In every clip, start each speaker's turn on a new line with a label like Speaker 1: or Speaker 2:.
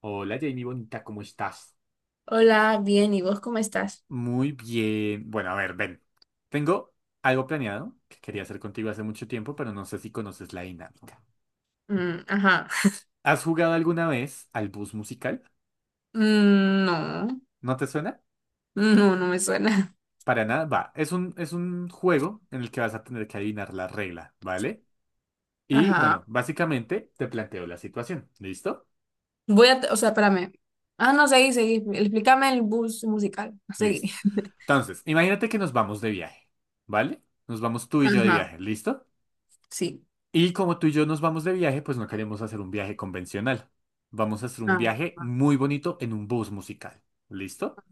Speaker 1: Hola Jamie, bonita, ¿cómo estás?
Speaker 2: Hola, bien, ¿y vos cómo estás?
Speaker 1: Muy bien. Bueno, a ver, ven. Tengo algo planeado que quería hacer contigo hace mucho tiempo, pero no sé si conoces la dinámica.
Speaker 2: Mm, ajá.
Speaker 1: ¿Has jugado alguna vez al bus musical?
Speaker 2: Mm, no,
Speaker 1: ¿No te suena?
Speaker 2: no me suena.
Speaker 1: Para nada. Va, es un juego en el que vas a tener que adivinar la regla, ¿vale? Y
Speaker 2: Ajá.
Speaker 1: bueno, básicamente te planteo la situación. ¿Listo?
Speaker 2: Voy a, o sea, espérame. Ah, no, seguí, seguí. Explícame el bus musical. Seguí.
Speaker 1: Listo. Entonces, imagínate que nos vamos de viaje, ¿vale? Nos vamos tú y yo de
Speaker 2: Ajá,
Speaker 1: viaje, ¿listo?
Speaker 2: sí.
Speaker 1: Y como tú y yo nos vamos de viaje, pues no queremos hacer un viaje convencional. Vamos a hacer un
Speaker 2: Ah,
Speaker 1: viaje
Speaker 2: ajá.
Speaker 1: muy bonito en un bus musical. ¿Listo?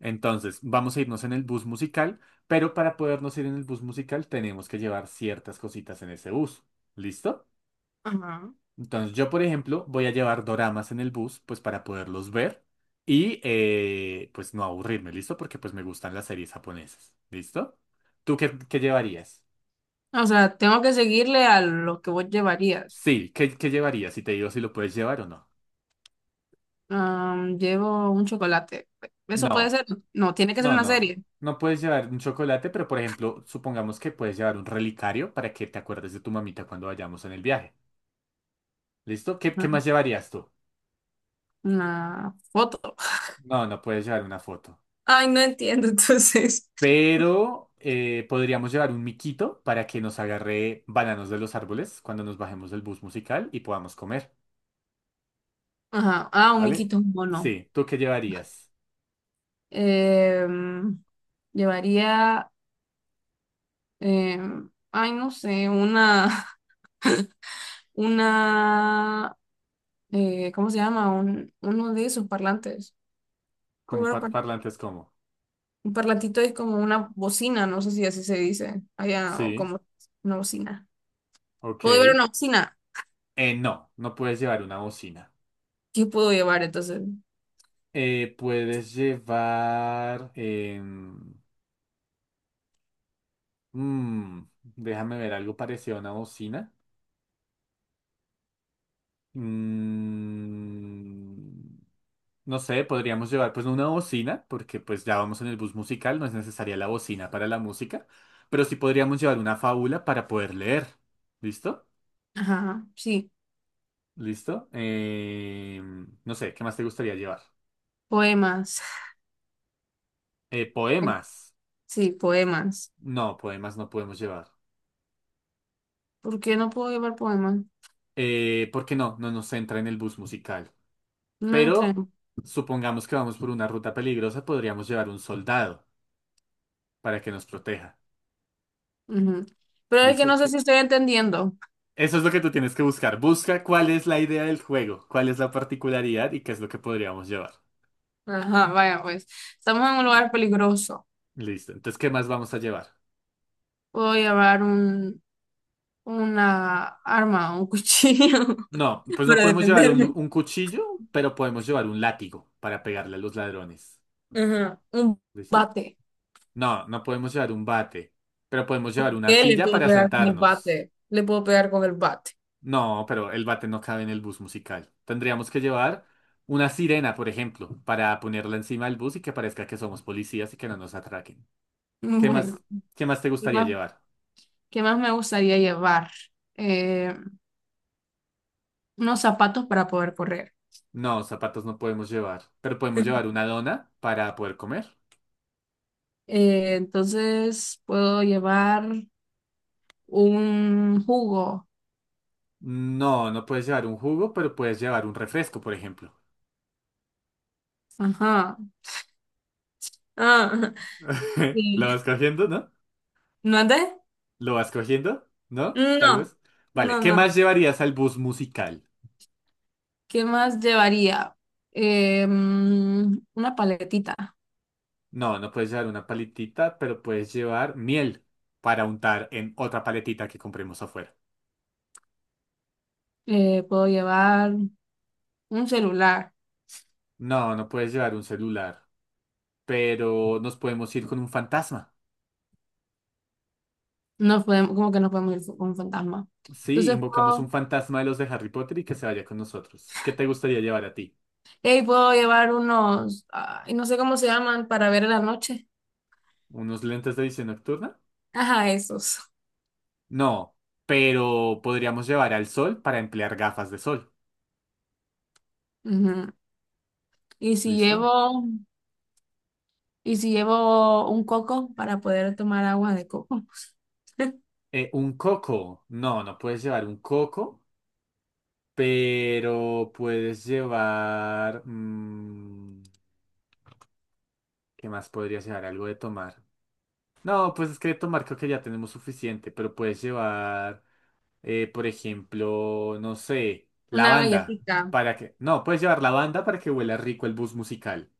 Speaker 1: Entonces, vamos a irnos en el bus musical, pero para podernos ir en el bus musical tenemos que llevar ciertas cositas en ese bus. ¿Listo?
Speaker 2: Ajá.
Speaker 1: Entonces, yo, por ejemplo, voy a llevar doramas en el bus, pues para poderlos ver y pues no aburrirme, ¿listo? Porque pues me gustan las series japonesas. ¿Listo? ¿Tú qué llevarías?
Speaker 2: O sea, tengo que seguirle a lo que vos llevarías.
Speaker 1: Sí, ¿qué llevarías? Y te digo si lo puedes llevar o no.
Speaker 2: Llevo un chocolate. ¿Eso puede
Speaker 1: No.
Speaker 2: ser? No, tiene que ser
Speaker 1: No,
Speaker 2: una
Speaker 1: no.
Speaker 2: serie.
Speaker 1: No puedes llevar un chocolate, pero por ejemplo, supongamos que puedes llevar un relicario para que te acuerdes de tu mamita cuando vayamos en el viaje. ¿Listo? ¿Qué
Speaker 2: Ajá.
Speaker 1: más llevarías tú?
Speaker 2: Una foto.
Speaker 1: No, no puedes llevar una foto.
Speaker 2: Ay, no entiendo, entonces.
Speaker 1: Pero podríamos llevar un miquito para que nos agarre bananos de los árboles cuando nos bajemos del bus musical y podamos comer.
Speaker 2: Ajá. Ah, un
Speaker 1: ¿Vale?
Speaker 2: miquito, un mono.
Speaker 1: Sí. ¿Tú qué llevarías?
Speaker 2: Em, Llevaría, ay, no sé, una, ¿cómo se llama? Uno de esos parlantes. Muy
Speaker 1: Como
Speaker 2: bueno, parla-
Speaker 1: parlantes, ¿cómo?
Speaker 2: Un parlantito es como una bocina, no sé si así se dice allá, o
Speaker 1: Sí.
Speaker 2: como una bocina. ¿Puedo llevar
Speaker 1: Ok.
Speaker 2: una bocina?
Speaker 1: No, no puedes llevar una bocina.
Speaker 2: ¿Qué puedo llevar entonces?
Speaker 1: Puedes llevar. Mm, déjame ver algo parecido a una bocina. Mm, no sé, podríamos llevar pues una bocina, porque pues ya vamos en el bus musical, no es necesaria la bocina para la música, pero sí podríamos llevar una fábula para poder leer. ¿Listo?
Speaker 2: Ajá, sí,
Speaker 1: ¿Listo? No sé, ¿qué más te gustaría llevar?
Speaker 2: poemas.
Speaker 1: Poemas.
Speaker 2: Sí, poemas.
Speaker 1: No, poemas no podemos llevar.
Speaker 2: ¿Por qué no puedo llevar poemas?
Speaker 1: Porque no nos entra en el bus musical.
Speaker 2: No
Speaker 1: Pero
Speaker 2: entran.
Speaker 1: supongamos que vamos por una ruta peligrosa, podríamos llevar un soldado. Para que nos proteja.
Speaker 2: Ujú. Pero es que
Speaker 1: ¿Listo?
Speaker 2: no sé si estoy entendiendo.
Speaker 1: Eso es lo que tú tienes que buscar. Busca cuál es la idea del juego, cuál es la particularidad y qué es lo que podríamos llevar.
Speaker 2: Ajá, vaya pues, estamos en un lugar peligroso.
Speaker 1: Listo. Entonces, ¿qué más vamos a llevar?
Speaker 2: Puedo llevar una arma, un cuchillo
Speaker 1: No, pues no
Speaker 2: para
Speaker 1: podemos llevar
Speaker 2: defenderme.
Speaker 1: un cuchillo, pero podemos llevar un látigo para pegarle a los ladrones.
Speaker 2: Ajá, un
Speaker 1: ¿Listo?
Speaker 2: bate.
Speaker 1: No, no podemos llevar un bate, pero podemos llevar una
Speaker 2: ¿Qué le
Speaker 1: silla
Speaker 2: puedo
Speaker 1: para
Speaker 2: pegar con el
Speaker 1: sentarnos.
Speaker 2: bate? Le puedo pegar con el bate.
Speaker 1: No, pero el bate no cabe en el bus musical. Tendríamos que llevar una sirena, por ejemplo, para ponerla encima del bus y que parezca que somos policías y que no nos atraquen. ¿Qué
Speaker 2: Bueno,
Speaker 1: más, qué más te
Speaker 2: ¿qué
Speaker 1: gustaría
Speaker 2: más,
Speaker 1: llevar?
Speaker 2: qué más me gustaría llevar? Eh, unos zapatos para poder correr.
Speaker 1: No, zapatos no podemos llevar, pero podemos llevar una dona para poder comer.
Speaker 2: Entonces puedo llevar un jugo.
Speaker 1: No, no puedes llevar un jugo, pero puedes llevar un refresco, por ejemplo.
Speaker 2: Ajá. Ah,
Speaker 1: ¿Lo
Speaker 2: sí.
Speaker 1: vas cogiendo, no?
Speaker 2: ¿No andé?
Speaker 1: ¿Lo vas cogiendo? ¿No? Tal
Speaker 2: No,
Speaker 1: vez. Vale,
Speaker 2: no,
Speaker 1: ¿qué
Speaker 2: no.
Speaker 1: más llevarías al bus musical?
Speaker 2: ¿Qué más llevaría? Mm, una paletita.
Speaker 1: No, no puedes llevar una paletita, pero puedes llevar miel para untar en otra paletita que compremos afuera.
Speaker 2: Puedo llevar un celular.
Speaker 1: No, no puedes llevar un celular, pero nos podemos ir con un fantasma.
Speaker 2: No podemos, como que no podemos ir con un fantasma.
Speaker 1: Sí,
Speaker 2: Entonces
Speaker 1: invocamos un
Speaker 2: puedo,
Speaker 1: fantasma de los de Harry Potter y que se vaya con nosotros. ¿Qué te gustaría llevar a ti?
Speaker 2: hey, puedo llevar unos, ay, no sé cómo se llaman, para ver en la noche.
Speaker 1: ¿Unos lentes de visión nocturna?
Speaker 2: Ajá, esos.
Speaker 1: No, pero podríamos llevar al sol para emplear gafas de sol.
Speaker 2: Ujú. Y si
Speaker 1: ¿Listo?
Speaker 2: llevo, y si llevo un coco para poder tomar agua de coco.
Speaker 1: Un coco. No, no puedes llevar un coco, pero puedes llevar... mm, ¿qué más podrías llevar? Algo de tomar. No, pues es que de tomar creo que ya tenemos suficiente, pero puedes llevar... por ejemplo, no sé,
Speaker 2: Una
Speaker 1: lavanda,
Speaker 2: galletita.
Speaker 1: para que... No, puedes llevar lavanda para que huela rico el bus musical.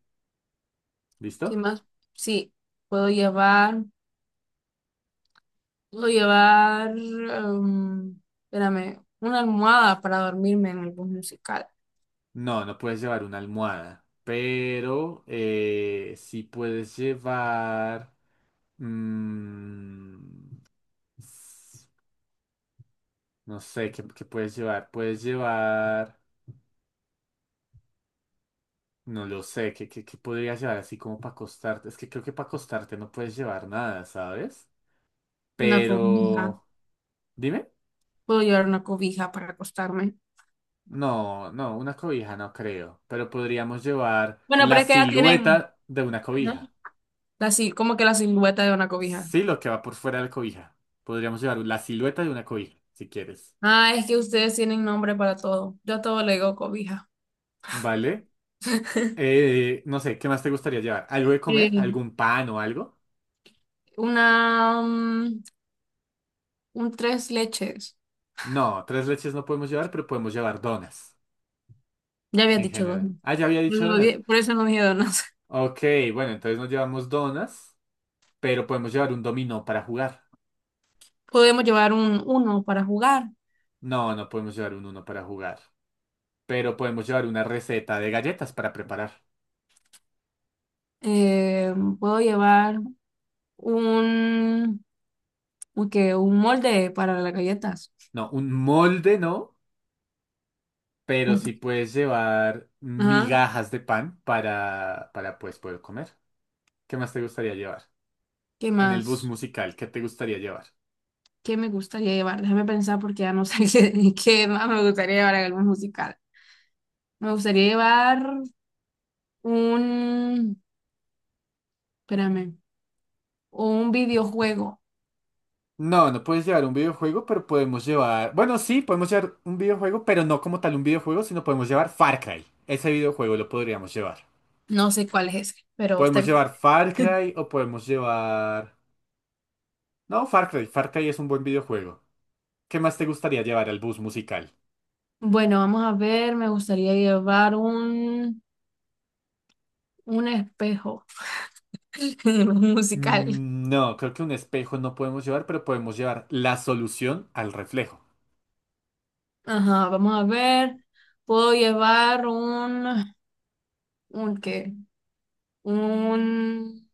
Speaker 2: ¿Qué
Speaker 1: ¿Listo?
Speaker 2: más? Sí, puedo llevar. Puedo llevar, espérame, una almohada para dormirme en el bus musical,
Speaker 1: No, no puedes llevar una almohada, pero sí puedes llevar... mm, s- no sé, ¿qué puedes llevar? Puedes llevar... No lo sé, ¿qué podrías llevar así como para acostarte? Es que creo que para acostarte no puedes llevar nada, ¿sabes?
Speaker 2: una cobija.
Speaker 1: Pero... Dime.
Speaker 2: Puedo llevar una cobija para acostarme.
Speaker 1: No, una cobija no creo, pero podríamos llevar
Speaker 2: Bueno,
Speaker 1: la
Speaker 2: pero es que ya tienen,
Speaker 1: silueta de una
Speaker 2: ¿no?
Speaker 1: cobija.
Speaker 2: La, si- como que la silueta de una cobija.
Speaker 1: Sí, lo que va por fuera de la cobija. Podríamos llevar la silueta de una cobija, si quieres.
Speaker 2: Ah, es que ustedes tienen nombre para todo. Yo a todo le digo cobija.
Speaker 1: ¿Vale? No sé, ¿qué más te gustaría llevar? ¿Algo de comer?
Speaker 2: Eh,
Speaker 1: ¿Algún pan o algo?
Speaker 2: mm, un tres leches.
Speaker 1: No, tres leches no podemos llevar, pero podemos llevar donas
Speaker 2: Ya habías
Speaker 1: en
Speaker 2: dicho dos,
Speaker 1: general.
Speaker 2: ¿no?
Speaker 1: Ah, ya había
Speaker 2: Por
Speaker 1: dicho
Speaker 2: eso no
Speaker 1: donas.
Speaker 2: di- por eso no dije donas.
Speaker 1: Ok, bueno, entonces no llevamos donas, pero podemos llevar un dominó para jugar.
Speaker 2: Podemos llevar un uno para jugar.
Speaker 1: No, no podemos llevar un uno para jugar. Pero podemos llevar una receta de galletas para preparar.
Speaker 2: Eh, puedo llevar un, que, un molde para las galletas.
Speaker 1: No, un molde no, pero
Speaker 2: Mm.
Speaker 1: sí puedes llevar
Speaker 2: Ajá.
Speaker 1: migajas de pan para pues poder comer. ¿Qué más te gustaría llevar?
Speaker 2: ¿Qué
Speaker 1: En el bus
Speaker 2: más?
Speaker 1: musical, ¿qué te gustaría llevar?
Speaker 2: ¿Qué me gustaría llevar? Déjame pensar porque ya no sé qué, qué más me gustaría llevar en algún musical. Me gustaría llevar un, espérame, un videojuego.
Speaker 1: No, no puedes llevar un videojuego, pero podemos llevar... Bueno, sí, podemos llevar un videojuego, pero no como tal un videojuego, sino podemos llevar Far Cry. Ese videojuego lo podríamos llevar.
Speaker 2: No sé cuál es ese, pero está
Speaker 1: Podemos
Speaker 2: bien.
Speaker 1: llevar Far Cry o podemos llevar... No, Far Cry. Far Cry es un buen videojuego. ¿Qué más te gustaría llevar al bus musical?
Speaker 2: Bueno, vamos a ver, me gustaría llevar un espejo en un musical.
Speaker 1: Mm, no, creo que un espejo no podemos llevar, pero podemos llevar la solución al reflejo.
Speaker 2: Ajá, vamos a ver. Puedo llevar un ¿qué? un,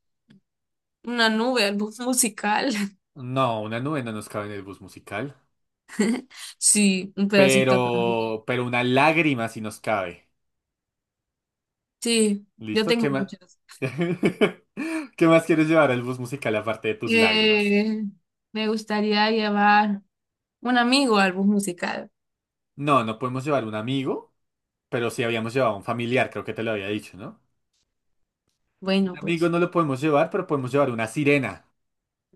Speaker 2: una nube, algo musical.
Speaker 1: No, una nube no nos cabe en el bus musical.
Speaker 2: Sí, un pedacito de la nube.
Speaker 1: Pero una lágrima sí nos cabe.
Speaker 2: Sí, yo
Speaker 1: ¿Listo?
Speaker 2: tengo
Speaker 1: ¿Qué más?
Speaker 2: muchas.
Speaker 1: ¿Qué más quieres llevar al bus musical aparte de tus lágrimas?
Speaker 2: Eh, me gustaría llevar un amigo al bus musical.
Speaker 1: No, no podemos llevar un amigo, pero sí habíamos llevado un familiar, creo que te lo había dicho, ¿no? Un
Speaker 2: Bueno,
Speaker 1: amigo
Speaker 2: pues
Speaker 1: no lo podemos llevar, pero podemos llevar una sirena.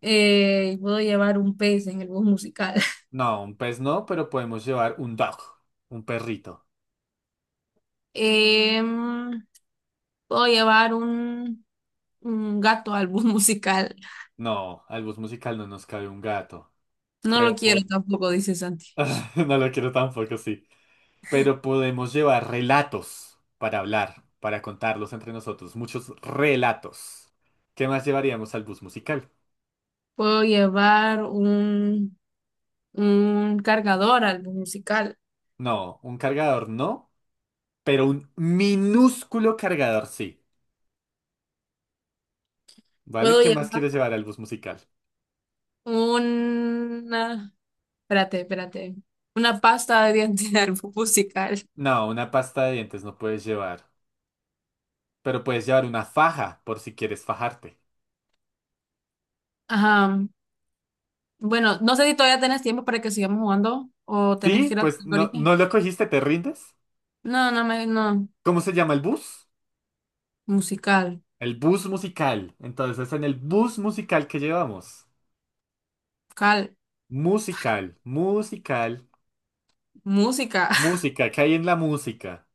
Speaker 2: puedo llevar un pez en el bus musical.
Speaker 1: No, un pez no, pero podemos llevar un dog, un perrito.
Speaker 2: Em, puedo llevar un gato al bus musical.
Speaker 1: No, al bus musical no nos cabe un gato.
Speaker 2: No lo
Speaker 1: Pero po-
Speaker 2: quiero tampoco, dice Santi.
Speaker 1: no lo quiero tampoco, sí. Pero podemos llevar relatos para hablar, para contarlos entre nosotros. Muchos relatos. ¿Qué más llevaríamos al bus musical?
Speaker 2: Puedo llevar un cargador al bus musical.
Speaker 1: No, un cargador no, pero un minúsculo cargador sí. ¿Vale?
Speaker 2: Puedo
Speaker 1: ¿Qué más
Speaker 2: llevar
Speaker 1: quieres llevar al bus musical?
Speaker 2: una, espérate, espérate. Una pasta de dientes musical.
Speaker 1: No, una pasta de dientes no puedes llevar. Pero puedes llevar una faja por si quieres fajarte.
Speaker 2: Ajá. Bueno, no sé si todavía tenés tiempo para que sigamos jugando o tenés
Speaker 1: Sí,
Speaker 2: que ir a hacer
Speaker 1: pues no,
Speaker 2: ahorita.
Speaker 1: no lo cogiste, ¿te rindes?
Speaker 2: No, no me, no.
Speaker 1: ¿Cómo se llama el bus?
Speaker 2: Musical.
Speaker 1: El bus musical. Entonces, en el bus musical que llevamos.
Speaker 2: Cal.
Speaker 1: Musical, musical,
Speaker 2: Música.
Speaker 1: música. ¿Qué hay en la música?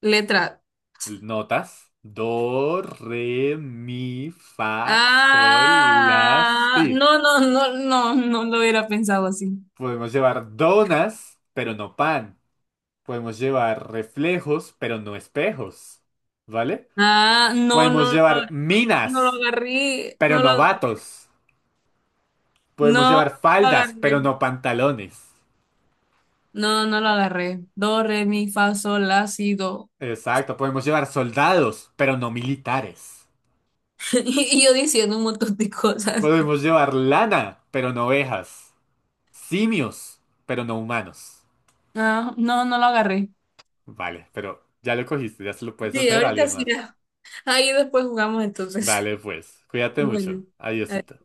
Speaker 2: Letra.
Speaker 1: Notas. Do, re, mi, fa, sol, la,
Speaker 2: Ah,
Speaker 1: si.
Speaker 2: no, no, no, no, no lo hubiera pensado así.
Speaker 1: Podemos llevar donas, pero no pan. Podemos llevar reflejos, pero no espejos. ¿Vale?
Speaker 2: Ah, no,
Speaker 1: Podemos
Speaker 2: no, no,
Speaker 1: llevar
Speaker 2: no lo
Speaker 1: minas,
Speaker 2: agarré,
Speaker 1: pero
Speaker 2: no lo
Speaker 1: no
Speaker 2: agarré,
Speaker 1: vatos. Podemos
Speaker 2: no, no
Speaker 1: llevar
Speaker 2: lo
Speaker 1: faldas,
Speaker 2: agarré,
Speaker 1: pero no pantalones.
Speaker 2: no, no lo agarré. Do, re, mi, fa, sol, la, si, do.
Speaker 1: Exacto, podemos llevar soldados, pero no militares.
Speaker 2: Y yo diciendo un montón de cosas.
Speaker 1: Podemos llevar lana, pero no ovejas. Simios, pero no humanos.
Speaker 2: Ah, no, no lo agarré.
Speaker 1: Vale, pero ya lo cogiste, ya se lo puedes
Speaker 2: Sí,
Speaker 1: hacer a
Speaker 2: ahorita
Speaker 1: alguien
Speaker 2: sí.
Speaker 1: más.
Speaker 2: Ahí después jugamos entonces.
Speaker 1: Dale, pues, cuídate mucho.
Speaker 2: Bueno.
Speaker 1: Adiosito.